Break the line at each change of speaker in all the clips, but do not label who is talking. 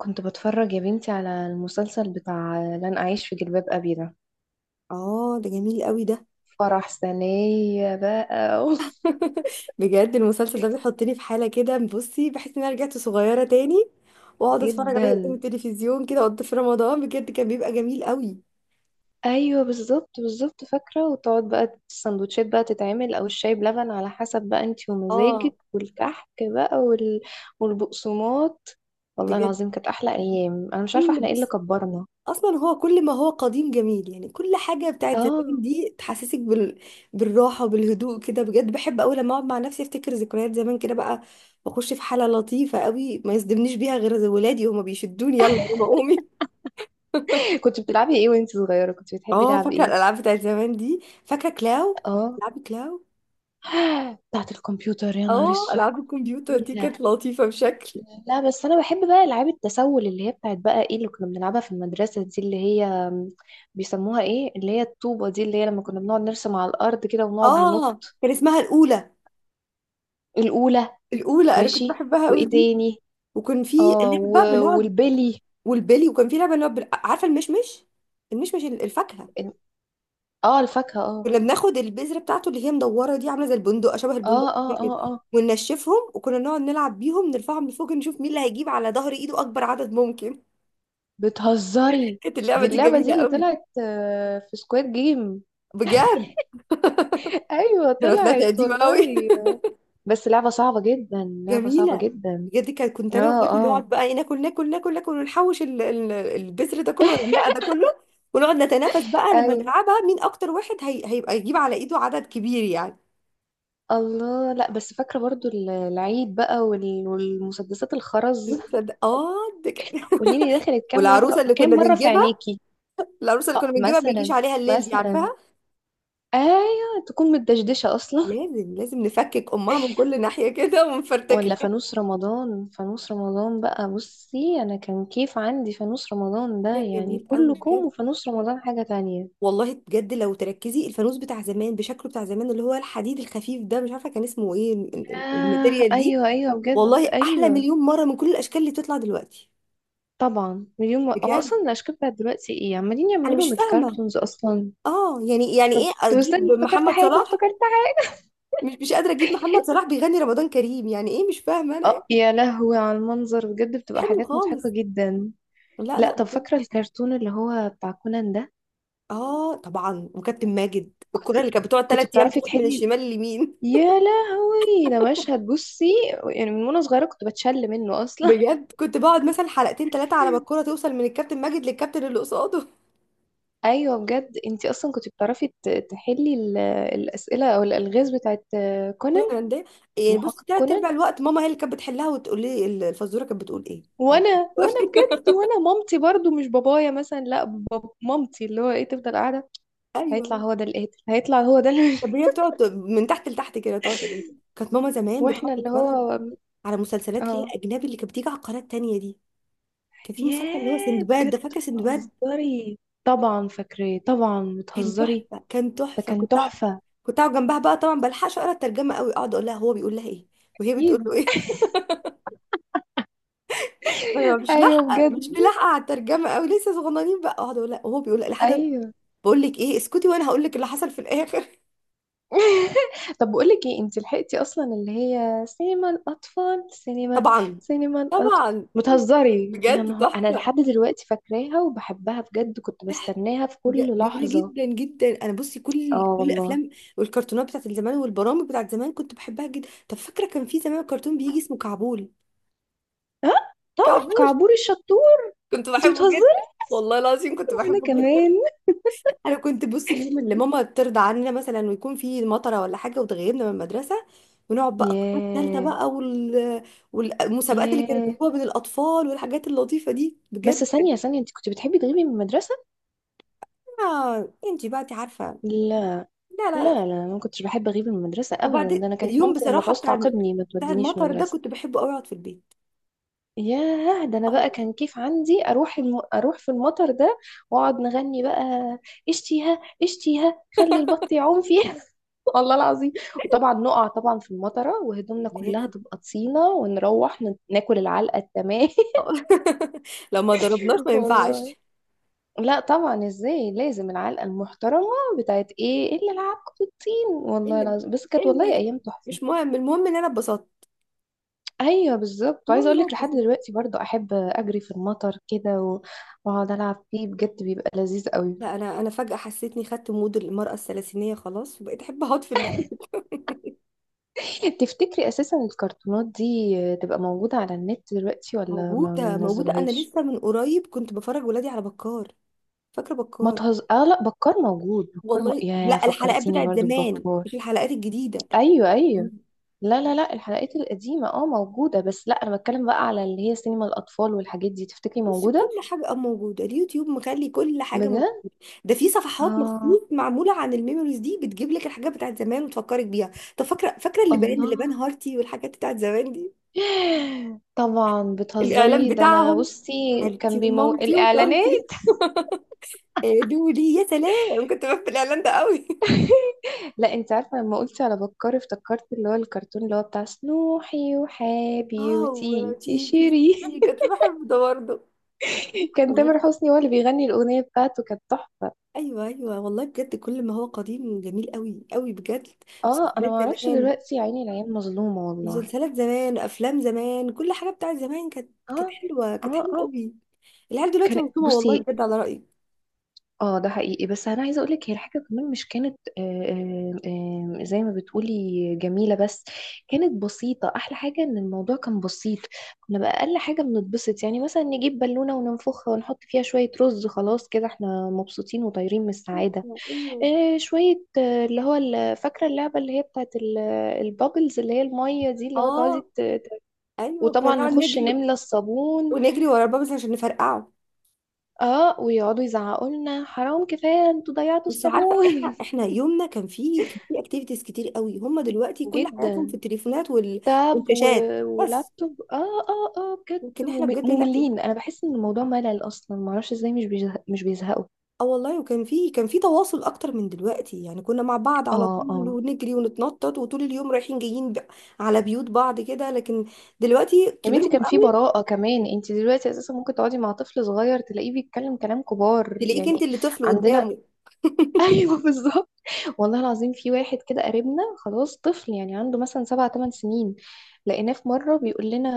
كنت بتفرج يا بنتي على المسلسل بتاع لن أعيش في جلباب أبي ده.
اه، ده جميل قوي ده.
فرح سنية بقى أوف.
بجد المسلسل ده بيحطني في حالة كده. بصي، بحس ان انا رجعت صغيرة تاني واقعد اتفرج عليه قدام
جدا.
التلفزيون كده وقت في رمضان، بجد كان بيبقى جميل قوي.
أيوة، بالظبط بالظبط، فاكرة. وتقعد بقى السندوتشات بقى تتعمل أو الشاي بلبن على حسب بقى انتي
اه،
ومزاجك، والكحك بقى والبقسماط. والله
بجد
العظيم كانت أحلى أيام، أنا مش عارفة
كل
احنا ايه اللي
بص،
كبرنا.
اصلا هو كل ما هو قديم جميل، يعني كل حاجة بتاعت زمان
اه.
دي تحسسك بالراحة وبالهدوء كده. بجد بحب قوي لما اقعد مع نفسي افتكر ذكريات زمان كده بقى، واخش في حالة لطيفة قوي ما يصدمنيش بيها غير ولادي، هما بيشدوني يلا يا ماما قومي.
كنت بتلعبي ايه وانتي صغيرة؟ كنت بتحبي
اه،
لعب
فاكره
ايه؟
الالعاب بتاعت زمان دي، فاكره كلاو؟
اه.
العاب كلاو.
بتاعة الكمبيوتر؟ يا نهار
اه،
السوح،
العاب
كنت بموت
الكمبيوتر دي
فيها.
كانت لطيفه بشكل.
لا بس انا بحب بقى العاب التسول، اللي هي بتاعت بقى ايه اللي كنا بنلعبها في المدرسه دي، اللي هي بيسموها ايه، اللي هي الطوبه دي، اللي هي لما كنا بنقعد نرسم على الارض كده ونقعد
اه،
ننط.
كان اسمها الاولى.
الاولى.
الاولى انا كنت
ماشي.
بحبها قوي
وايه
دي.
تاني؟
وكان في
اه
لعبه بنقعد.
والبلي.
والبلي وكان في لعبه بنقعد عارفه المشمش؟ المشمش الفاكهه.
اه، الفاكهه، اه
كنا بناخد البذره بتاعته اللي هي مدوره دي، عامله زي البندق، شبه
اه
البندق
اه اه.
كده،
اه
وننشفهم وكنا نقعد نلعب بيهم، نرفعهم لفوق نشوف مين اللي هيجيب على ظهر ايده اكبر عدد ممكن.
بتهزري،
كانت اللعبه
دي
دي
اللعبه دي
جميله
اللي
قوي.
طلعت في سكواد جيم.
بجد
ايوه
انا طلعت
طلعت
قديمه قوي.
والله. بس لعبه صعبه جدا، لعبه صعبه
جميله.
جدا.
بجد كنت
اه
انا واخواتي
اه.
نقعد بقى ايه، ناكل ناكل ناكل ناكل ونحوش البذر ده كله والرقه ده كله، ونقعد نتنافس بقى لما
ايوه
نلعبها مين اكتر واحد هيبقى يجيب على ايده عدد كبير يعني.
الله. لا بس فاكرة برضو العيد بقى والمسدسات الخرز.
المسدس اه، ده كان-
قوليلي دخلت كام
والعروسه
مرة
اللي
كام
كنا
مرة في
بنجيبها
عينيكي.
العروسه اللي كنا
اه
بنجيبها ما يجيش
مثلا،
عليها الليل دي،
مثلا
عارفاها؟
ايوه تكون متدشدشة اصلا.
لازم لازم نفكك امها من كل ناحيه كده
ولا
ونفرتكها.
فانوس رمضان، فانوس رمضان بقى بصي، انا كان كيف عندي فانوس رمضان ده،
كان
يعني
جميل
كله
قوي
كوم
بجد.
وفانوس رمضان حاجة تانية.
والله بجد لو تركزي الفانوس بتاع زمان بشكله بتاع زمان، اللي هو الحديد الخفيف ده، مش عارفه كان اسمه ايه
آه
الماتيريال دي.
ايوه ايوه بجد
والله احلى
ايوه.
مليون مره من كل الاشكال اللي بتطلع دلوقتي.
طبعا مليون مرة. هو
بجد
اصلا الاشكال بتاعت دلوقتي ايه عمالين
انا
يعملوا
مش
لهم
فاهمه.
الكارتونز اصلا.
اه، يعني ايه
طب استني،
اجيب
افتكرت
محمد
حاجة،
صلاح؟
افتكرت.
مش قادره اجيب محمد صلاح بيغني رمضان كريم، يعني ايه مش فاهمه انا إيه؟
اه يا لهوي على المنظر، بجد بتبقى
حلو
حاجات
خالص.
مضحكة جدا.
لا
لا
لا،
طب
بجد.
فاكرة الكرتون اللي هو بتاع كونان ده؟
اه، طبعا. وكابتن ماجد
كنت
الكره اللي كانت بتقعد
كنت
3 ايام
بتعرفي
تروح من
تحلي.
الشمال لليمين.
يا لهوي ده مشهد بصي، يعني من وانا صغيرة كنت بتشل منه اصلا.
بجد كنت بقعد مثلا حلقتين ثلاثه على ما الكره توصل من الكابتن ماجد للكابتن اللي قصاده.
ايوه بجد، انتي اصلا كنت بتعرفي تحلي الاسئلة او الالغاز بتاعت كونان.
كورة ده؟ يعني بص،
محقق
ثلاث ارباع
كونان.
الوقت ماما هي اللي كانت بتحلها وتقول لي الفزوره كانت بتقول ايه. أو-
وانا، وانا بجد، وانا مامتي برضو مش بابايا، مثلا، لا، باب مامتي اللي هو ايه تفضل قاعدة. هيطلع
ايوه.
هو ده اللي قاتل، هيطلع هو ده اللي.
طب هي بتقعد من تحت لتحت كده تقعد تقول. كانت ماما زمان بتقعد
واحنا اللي
تتفرج
هو
على مسلسلات اللي هي
اه.
اجنبي، اللي كانت بتيجي على القناه التانيه دي. كان في مسلسل اللي هو
ياه
سندباد ده،
بجد،
فاكره سندباد؟
بتهزري، طبعا فاكراه طبعا،
كان
بتهزري.
تحفه، كان
ده
تحفه.
كان
كنت اقعد،
تحفة.
كنت اقعد جنبها بقى. طبعا بلحقش اقرا الترجمه قوي، اقعد اقول لها هو بيقول لها ايه وهي بتقول له
اكيد.
ايه. أنا مش
ايوه
لاحقه، مش
بجد
ملاحقه على الترجمه قوي لسه صغننين بقى، اقعد اقول لها هو بيقول لحد،
ايوه.
بقول لك ايه اسكتي وانا هقول لك اللي حصل في الاخر.
طب بقول لك ايه، انت لحقتي اصلا اللي هي سينما الاطفال؟ سينما
طبعا.
سينما الاطفال.
طبعا.
بتهزري يا
بجد
نهار، انا
تحفه.
لحد دلوقتي فاكراها وبحبها بجد، كنت بستناها في كل
جميلة
لحظة.
جدا جدا. انا بصي كل
اه
كل
والله.
الافلام والكرتونات بتاعت زمان والبرامج بتاعت زمان كنت بحبها جدا. طب فاكره كان في زمان كرتون بيجي اسمه كعبول؟
ها، طبعا
كعبول،
كعبور الشطور.
كنت
انت
بحبه
بتهزري.
جدا. والله العظيم كنت
وانا
بحبه جدا.
كمان.
انا كنت بصي اليوم اللي ماما ترضى عننا مثلا ويكون في مطره ولا حاجه وتغيبنا من المدرسه، ونقعد بقى القناه الثالثه
ياه.
بقى والمسابقات اللي كانت
ياه،
بتجيبوها بين الاطفال والحاجات اللطيفه دي بجد.
بس ثانية ثانية، انت كنت بتحبي تغيبي من المدرسة؟
انتي بقى انتي عارفه.
لا
لا
لا
لا لا.
لا، انا ما كنتش بحب اغيب من المدرسة ابدا،
وبعد
ده انا كانت
اليوم
مامتي لما
بصراحة
تعوز
بتاع
تعاقبني ما
بتاع
تودينيش
المطر ده
المدرسة.
كنت بحب قوي اقعد في البيت.
ياه ده انا بقى
اه،
كان كيف عندي اروح اروح في المطر ده واقعد نغني بقى: اشتيها اشتيها خلي البط يعوم فيها. والله العظيم. وطبعا نقع طبعا في المطرة وهدومنا كلها
لازم.
تبقى طينة، ونروح ناكل العلقة التمام.
أه. لو ما ضربناش ما
والله.
ينفعش.
لا طبعا، ازاي، لازم العلقه المحترمه. بتاعت ايه اللي لعبكم بالطين.
ايه
والله
اللي بقى
العظيم بس
ايه
كانت
اللي
والله
بقى؟
ايام تحفه.
مش مهم، المهم ان انا اتبسطت.
ايوه بالظبط،
المهم
عايزه
ان
اقول
انا
لك لحد
اتبسطت.
دلوقتي برضو احب اجري في المطر كده، و- واقعد العب فيه بجد بيبقى لذيذ قوي.
لا، انا فجأة حسيتني خدت مود المرأة الثلاثينية خلاص، وبقيت احب اقعد في البيت.
تفتكري اساسا الكرتونات دي تبقى موجوده على النت دلوقتي ولا ما
موجودة موجودة، انا
بينزلوهاش؟
لسه من قريب كنت بفرج ولادي على بكار. فاكرة
ما
بكار؟
تهز... اه لا، بكار موجود، بكار
والله
يا
لا، الحلقات
فكرتيني
بتاعت
برضو
زمان
ببكار.
مش الحلقات الجديدة.
ايوه ايوه. لا لا لا، الحلقات القديمة اه موجودة، بس لا انا بتكلم بقى على اللي هي سينما الاطفال والحاجات دي، تفتكري
بص، كل
موجودة؟
حاجة موجودة، اليوتيوب مخلي كل حاجة
بجد.
موجودة. ده في صفحات
اه
مخصوص معمولة عن الميموريز دي، بتجيب لك الحاجات بتاعت زمان وتفكرك بيها. طب فاكرة، فاكرة
الله.
اللي بان هارتي والحاجات بتاعت زمان دي؟
طبعا
الإعلان
بتهزري، ده انا
بتاعهم،
بصي
هالتي
كان بيمو
ومامتي وطنطي.
الاعلانات.
دولي يا سلام، كنت بحب الإعلان ده قوي.
لا انت عارفة، لما قلت على بكار افتكرت اللي هو الكرتون اللي هو بتاع سنوحي وحابي
اه،
وتي
وتيتي.
تشيري.
تيتي، كنت بحب ده برضه.
كان
والله.
تامر حسني هو اللي بيغني الاغنية بتاعته، كانت تحفة.
ايوه ايوه، والله بجد كل ما هو قديم جميل قوي قوي بجد.
اه انا
مسلسلات
ما اعرفش
زمان
دلوقتي، يا عيني العيال مظلومة والله.
مسلسلات زمان افلام زمان، كل حاجه بتاعت زمان كانت
اه
كانت حلوه، كانت
اه
حلوه
اه.
قوي. العيال دلوقتي
كان
مظلومه والله
بصي،
بجد، على رايي.
اه ده حقيقي، بس انا عايزه اقول لك هي الحاجه كمان مش كانت، زي ما بتقولي جميله، بس كانت بسيطه. احلى حاجه ان الموضوع كان بسيط، كنا باقل حاجه بنتبسط، يعني مثلا نجيب بالونه وننفخها ونحط فيها شويه رز، خلاص كده احنا مبسوطين وطايرين من السعاده.
ايوه ايوه.
شويه اللي هو فاكره اللعبه اللي هي بتاعت البابلز اللي هي الميه دي، اللي هو
اه،
تقعدي
ايوه كنا
وطبعا
نقعد
نخش
نجري
نملى الصابون،
ونجري ورا البابا عشان نفرقعه.
اه ويقعدوا يزعقوا لنا حرام كفايه انتوا ضيعتوا
بس عارفه
الصابون.
احنا يومنا كان فيه اكتيفيتيز كتير قوي. هم دلوقتي كل حياتهم
جدا.
في التليفونات
تاب و...
والشاشات بس.
ولابتوب، اه. اه اه بجد
لكن احنا بجد، لا لا.
مملين، انا بحس ان الموضوع ملل اصلا، معرفش ازاي مش بيزهقوا.
اه، والله، وكان فيه تواصل اكتر من دلوقتي. يعني كنا مع بعض على
اه
طول
اه.
ونجري ونتنطط، وطول اليوم رايحين جايين على بيوت بعض كده. لكن دلوقتي
يا بنتي
كبيرهم
كان في
قوي،
براءة كمان، انت دلوقتي اساسا ممكن تقعدي مع طفل صغير تلاقيه بيتكلم كلام كبار
تلاقيك انت
يعني.
اللي طفل
عندنا.
قدامه.
ايوه بالظبط. والله العظيم في واحد كده قريبنا خلاص، طفل يعني عنده مثلا 7 8 سنين، لقيناه في مره بيقول لنا: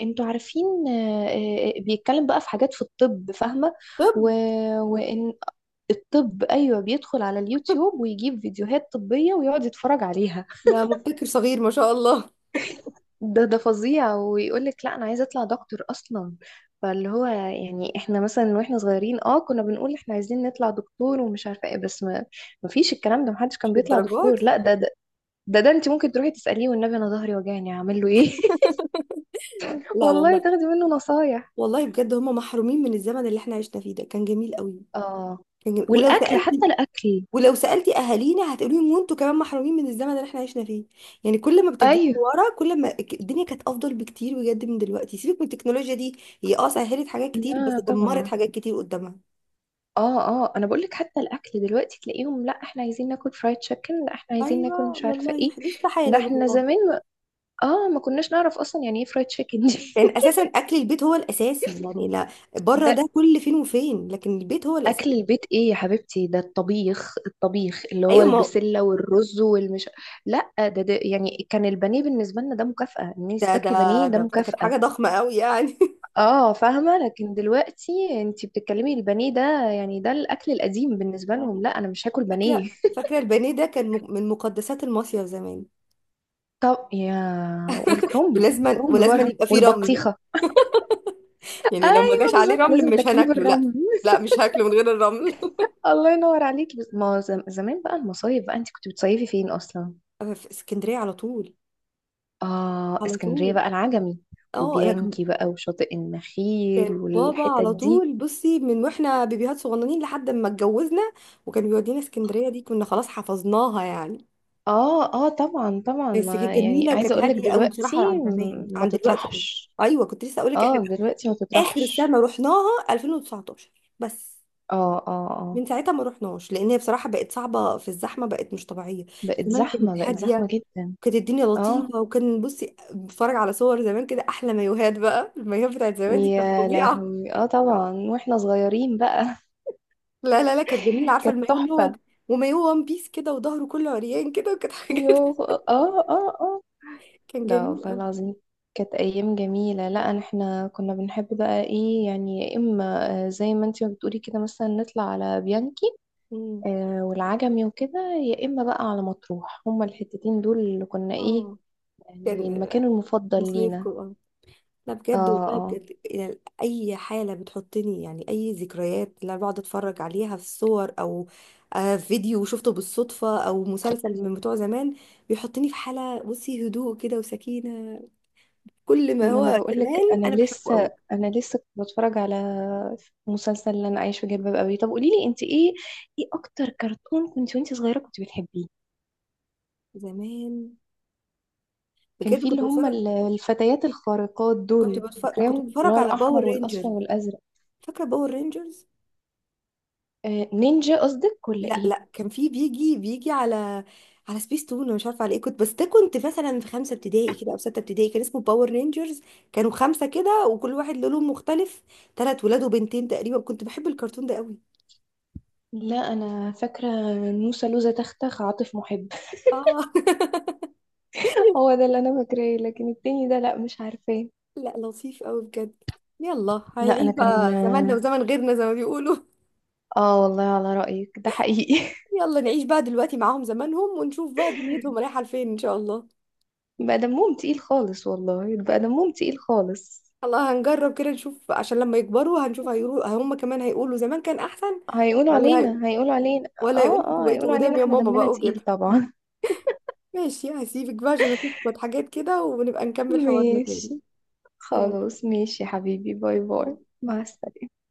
انتوا عارفين؟ بيتكلم بقى في حاجات في الطب، فاهمه؟
طب
و... وان الطب، ايوه بيدخل على اليوتيوب ويجيب فيديوهات طبيه ويقعد يتفرج عليها.
ده مبتكر صغير ما شاء الله.
ده ده فظيع، ويقول لك لا انا عايزه اطلع دكتور اصلا. فاللي هو يعني احنا مثلا واحنا صغيرين اه كنا بنقول احنا عايزين نطلع دكتور ومش عارفه ايه، بس ما فيش الكلام ده، محدش
مش
كان بيطلع
للدرجه
دكتور.
دي.
لا ده ده، ده، انت ممكن تروحي تساليه، والنبي انا ظهري وجعني اعمل له ايه.
لا
والله
والله،
تاخدي منه نصايح.
والله بجد هم محرومين من الزمن اللي احنا عشنا فيه، ده كان جميل قوي.
اه،
كان جميل.
والاكل حتى الاكل.
ولو سالتي اهالينا هتقولي لهم وانتوا كمان محرومين من الزمن اللي احنا عشنا فيه. يعني كل ما بترجعي
ايوه.
ورا، كل ما الدنيا كانت افضل بكتير بجد من دلوقتي. سيبك من التكنولوجيا دي، هي سهلت حاجات كتير
لا
بس دمرت
طبعا.
حاجات كتير قدامها.
اه اه، انا بقول لك حتى الاكل دلوقتي تلاقيهم لا احنا عايزين ناكل فرايد تشيكن، لا احنا عايزين ناكل
ايوه
مش عارفه
والله
ايه.
لسه
ده
حالا
احنا
والله.
زمان اه ما كناش نعرف اصلا يعني ايه فرايد تشيكن دي.
كان اساسا اكل البيت هو الاساسي يعني، لا. بره
ده
ده كل فين وفين، لكن البيت هو
اكل
الاساسي.
البيت ايه يا حبيبتي، ده الطبيخ، الطبيخ اللي هو
ايوه ما هو.
البسله والرز والمش. لا ده، يعني كان البانيه بالنسبه لنا ده مكافاه، ان انت
ده ده
تاكلي بانيه ده
ده ده كانت
مكافاه.
حاجه ضخمه قوي يعني.
اه فاهمه، لكن دلوقتي انت بتتكلمي البانيه ده، يعني ده الاكل القديم بالنسبه لهم،
يعني
لا انا مش هاكل بانيه.
فاكرة البانيه ده كان من مقدسات المصيف زمان.
طب يا، والكرنب،
ولازما
الكرنب
ولازما
بره
يبقى فيه رمل،
والبطيخه.
يعني لو ما جاش
ايوه
عليه
بالظبط،
رمل
لازم
مش
تاكليه
هناكله. لا
بالرمل.
لا، مش هاكله من غير الرمل.
الله ينور عليكي. بس ما زم- زمان بقى المصايف بقى، انت كنت بتصيفي فين اصلا؟
في اسكندرية على طول.
اه
على
اسكندريه
طول.
بقى، العجمي
اه، لكن
وبيانكي بقى وشاطئ
كان
النخيل
بابا
والحتت
على
دي.
طول بصي من واحنا بيبيهات صغننين لحد ما اتجوزنا، وكان بيودينا اسكندرية دي كنا خلاص حفظناها يعني.
اه اه طبعا طبعا،
بس كانت
ما يعني
جميلة
عايزه
وكانت
اقول لك
هادية قوي
دلوقتي
بصراحة عن زمان،
ما
عن دلوقتي قوي.
تطرحش.
ايوه كنت لسه اقول لك
اه
احنا
دلوقتي ما
اخر
تطرحش.
سنة رحناها 2019 بس.
اه اه اه.
من ساعتها ما رحناش لان هي بصراحه بقت صعبه، في الزحمه بقت مش طبيعيه.
بقت
زمان
زحمه،
كانت
بقت زحمه
هاديه،
جدا.
كانت الدنيا
اه
لطيفه. وكان بصي بتفرج على صور زمان كده احلى مايوهات بقى. المايوهات بتاعت زمان دي كانت
يا
فظيعه.
لهوي، اه طبعا واحنا صغيرين بقى.
لا لا لا، كانت جميله. عارفه
كانت
المايوه اللي هو
تحفه.
ومايوه وان بيس كده، وظهره كله عريان كده، وكانت حاجه.
يوه، اه اه اه.
كان
لا
جميل
والله
قوي.
العظيم كانت أيام جميلة. لا أنا- احنا كنا بنحب بقى ايه، يعني يا إما زي ما انتي ما بتقولي كده، مثلا نطلع على بيانكي والعجمي وكده، يا إما بقى على مطروح، هما الحتتين دول اللي كنا ايه،
اه،
يعني
كان
المكان المفضل
مصايف
لينا.
كده. لا
اه
بجد، والله
اه.
بجد، يعني اي حاله بتحطني، يعني اي ذكريات اللي انا بقعد اتفرج عليها في صور، او فيديو شفته بالصدفه، او مسلسل من بتوع زمان بيحطني في حاله بصي، هدوء كده وسكينه. كل ما
ما انا
هو زمان
بقولك انا
انا بحبه
لسه
قوي.
انا لسه كنت بتفرج على مسلسل اللي انا عايش في جلباب ابي. طب قوليلي انت ايه، ايه اكتر كرتون كنت وانت صغيره كنت بتحبيه؟
زمان
كان
بجد
في
كنت
اللي هم
بتفرج
الفتيات الخارقات
كنت
دول،
بتفرج وكنت
فاكراهم، اللي
بتفرج
هو
على باور
الأحمر والأصفر
رينجر.
والأزرق.
فاكره باور رينجرز؟
نينجا قصدك ولا
لا
إيه؟
لا، كان في بيجي بيجي على سبيس تون. انا مش عارفه على ايه كنت. بس ده كنت مثلا في خمسه ابتدائي كده او سته ابتدائي، كان اسمه باور رينجرز. كانوا خمسه كده وكل واحد له لون مختلف، ثلاث ولاد وبنتين تقريبا. كنت بحب الكرتون ده قوي.
لا أنا فاكرة نوسة لوزة تختخ عاطف محب.
اه.
هو ده اللي أنا فاكراه، لكن التاني ده لا مش عارفاه.
لا، لطيف قوي بجد. يلا
لا
هنعيش
أنا كان
بقى زماننا
آه،
وزمن غيرنا زي ما بيقولوا.
والله على رأيك ده حقيقي.
يلا نعيش بقى دلوقتي معاهم زمانهم ونشوف بقى دنيتهم رايحه لفين ان شاء الله.
بقى دمهم تقيل خالص، والله بقى دمهم تقيل خالص.
الله، هنجرب كده نشوف عشان لما يكبروا هنشوف هيقولوا، هم كمان هيقولوا زمان كان احسن.
هيقولوا
ولا
علينا، هيقولوا علينا.
ولا يقول
اه
انتوا
اه،
بقيتوا
هيقولوا
قدام
علينا
يا
احنا
ماما
دمنا
بقى
تقيل
وكده.
طبعا.
ماشي، هسيبك بقى عشان اشوف شوية حاجات كده ونبقى نكمل حوارنا تاني.
ماشي.
يلا،
خلاص ماشي يا حبيبي، باي باي،
باي.
مع السلامة.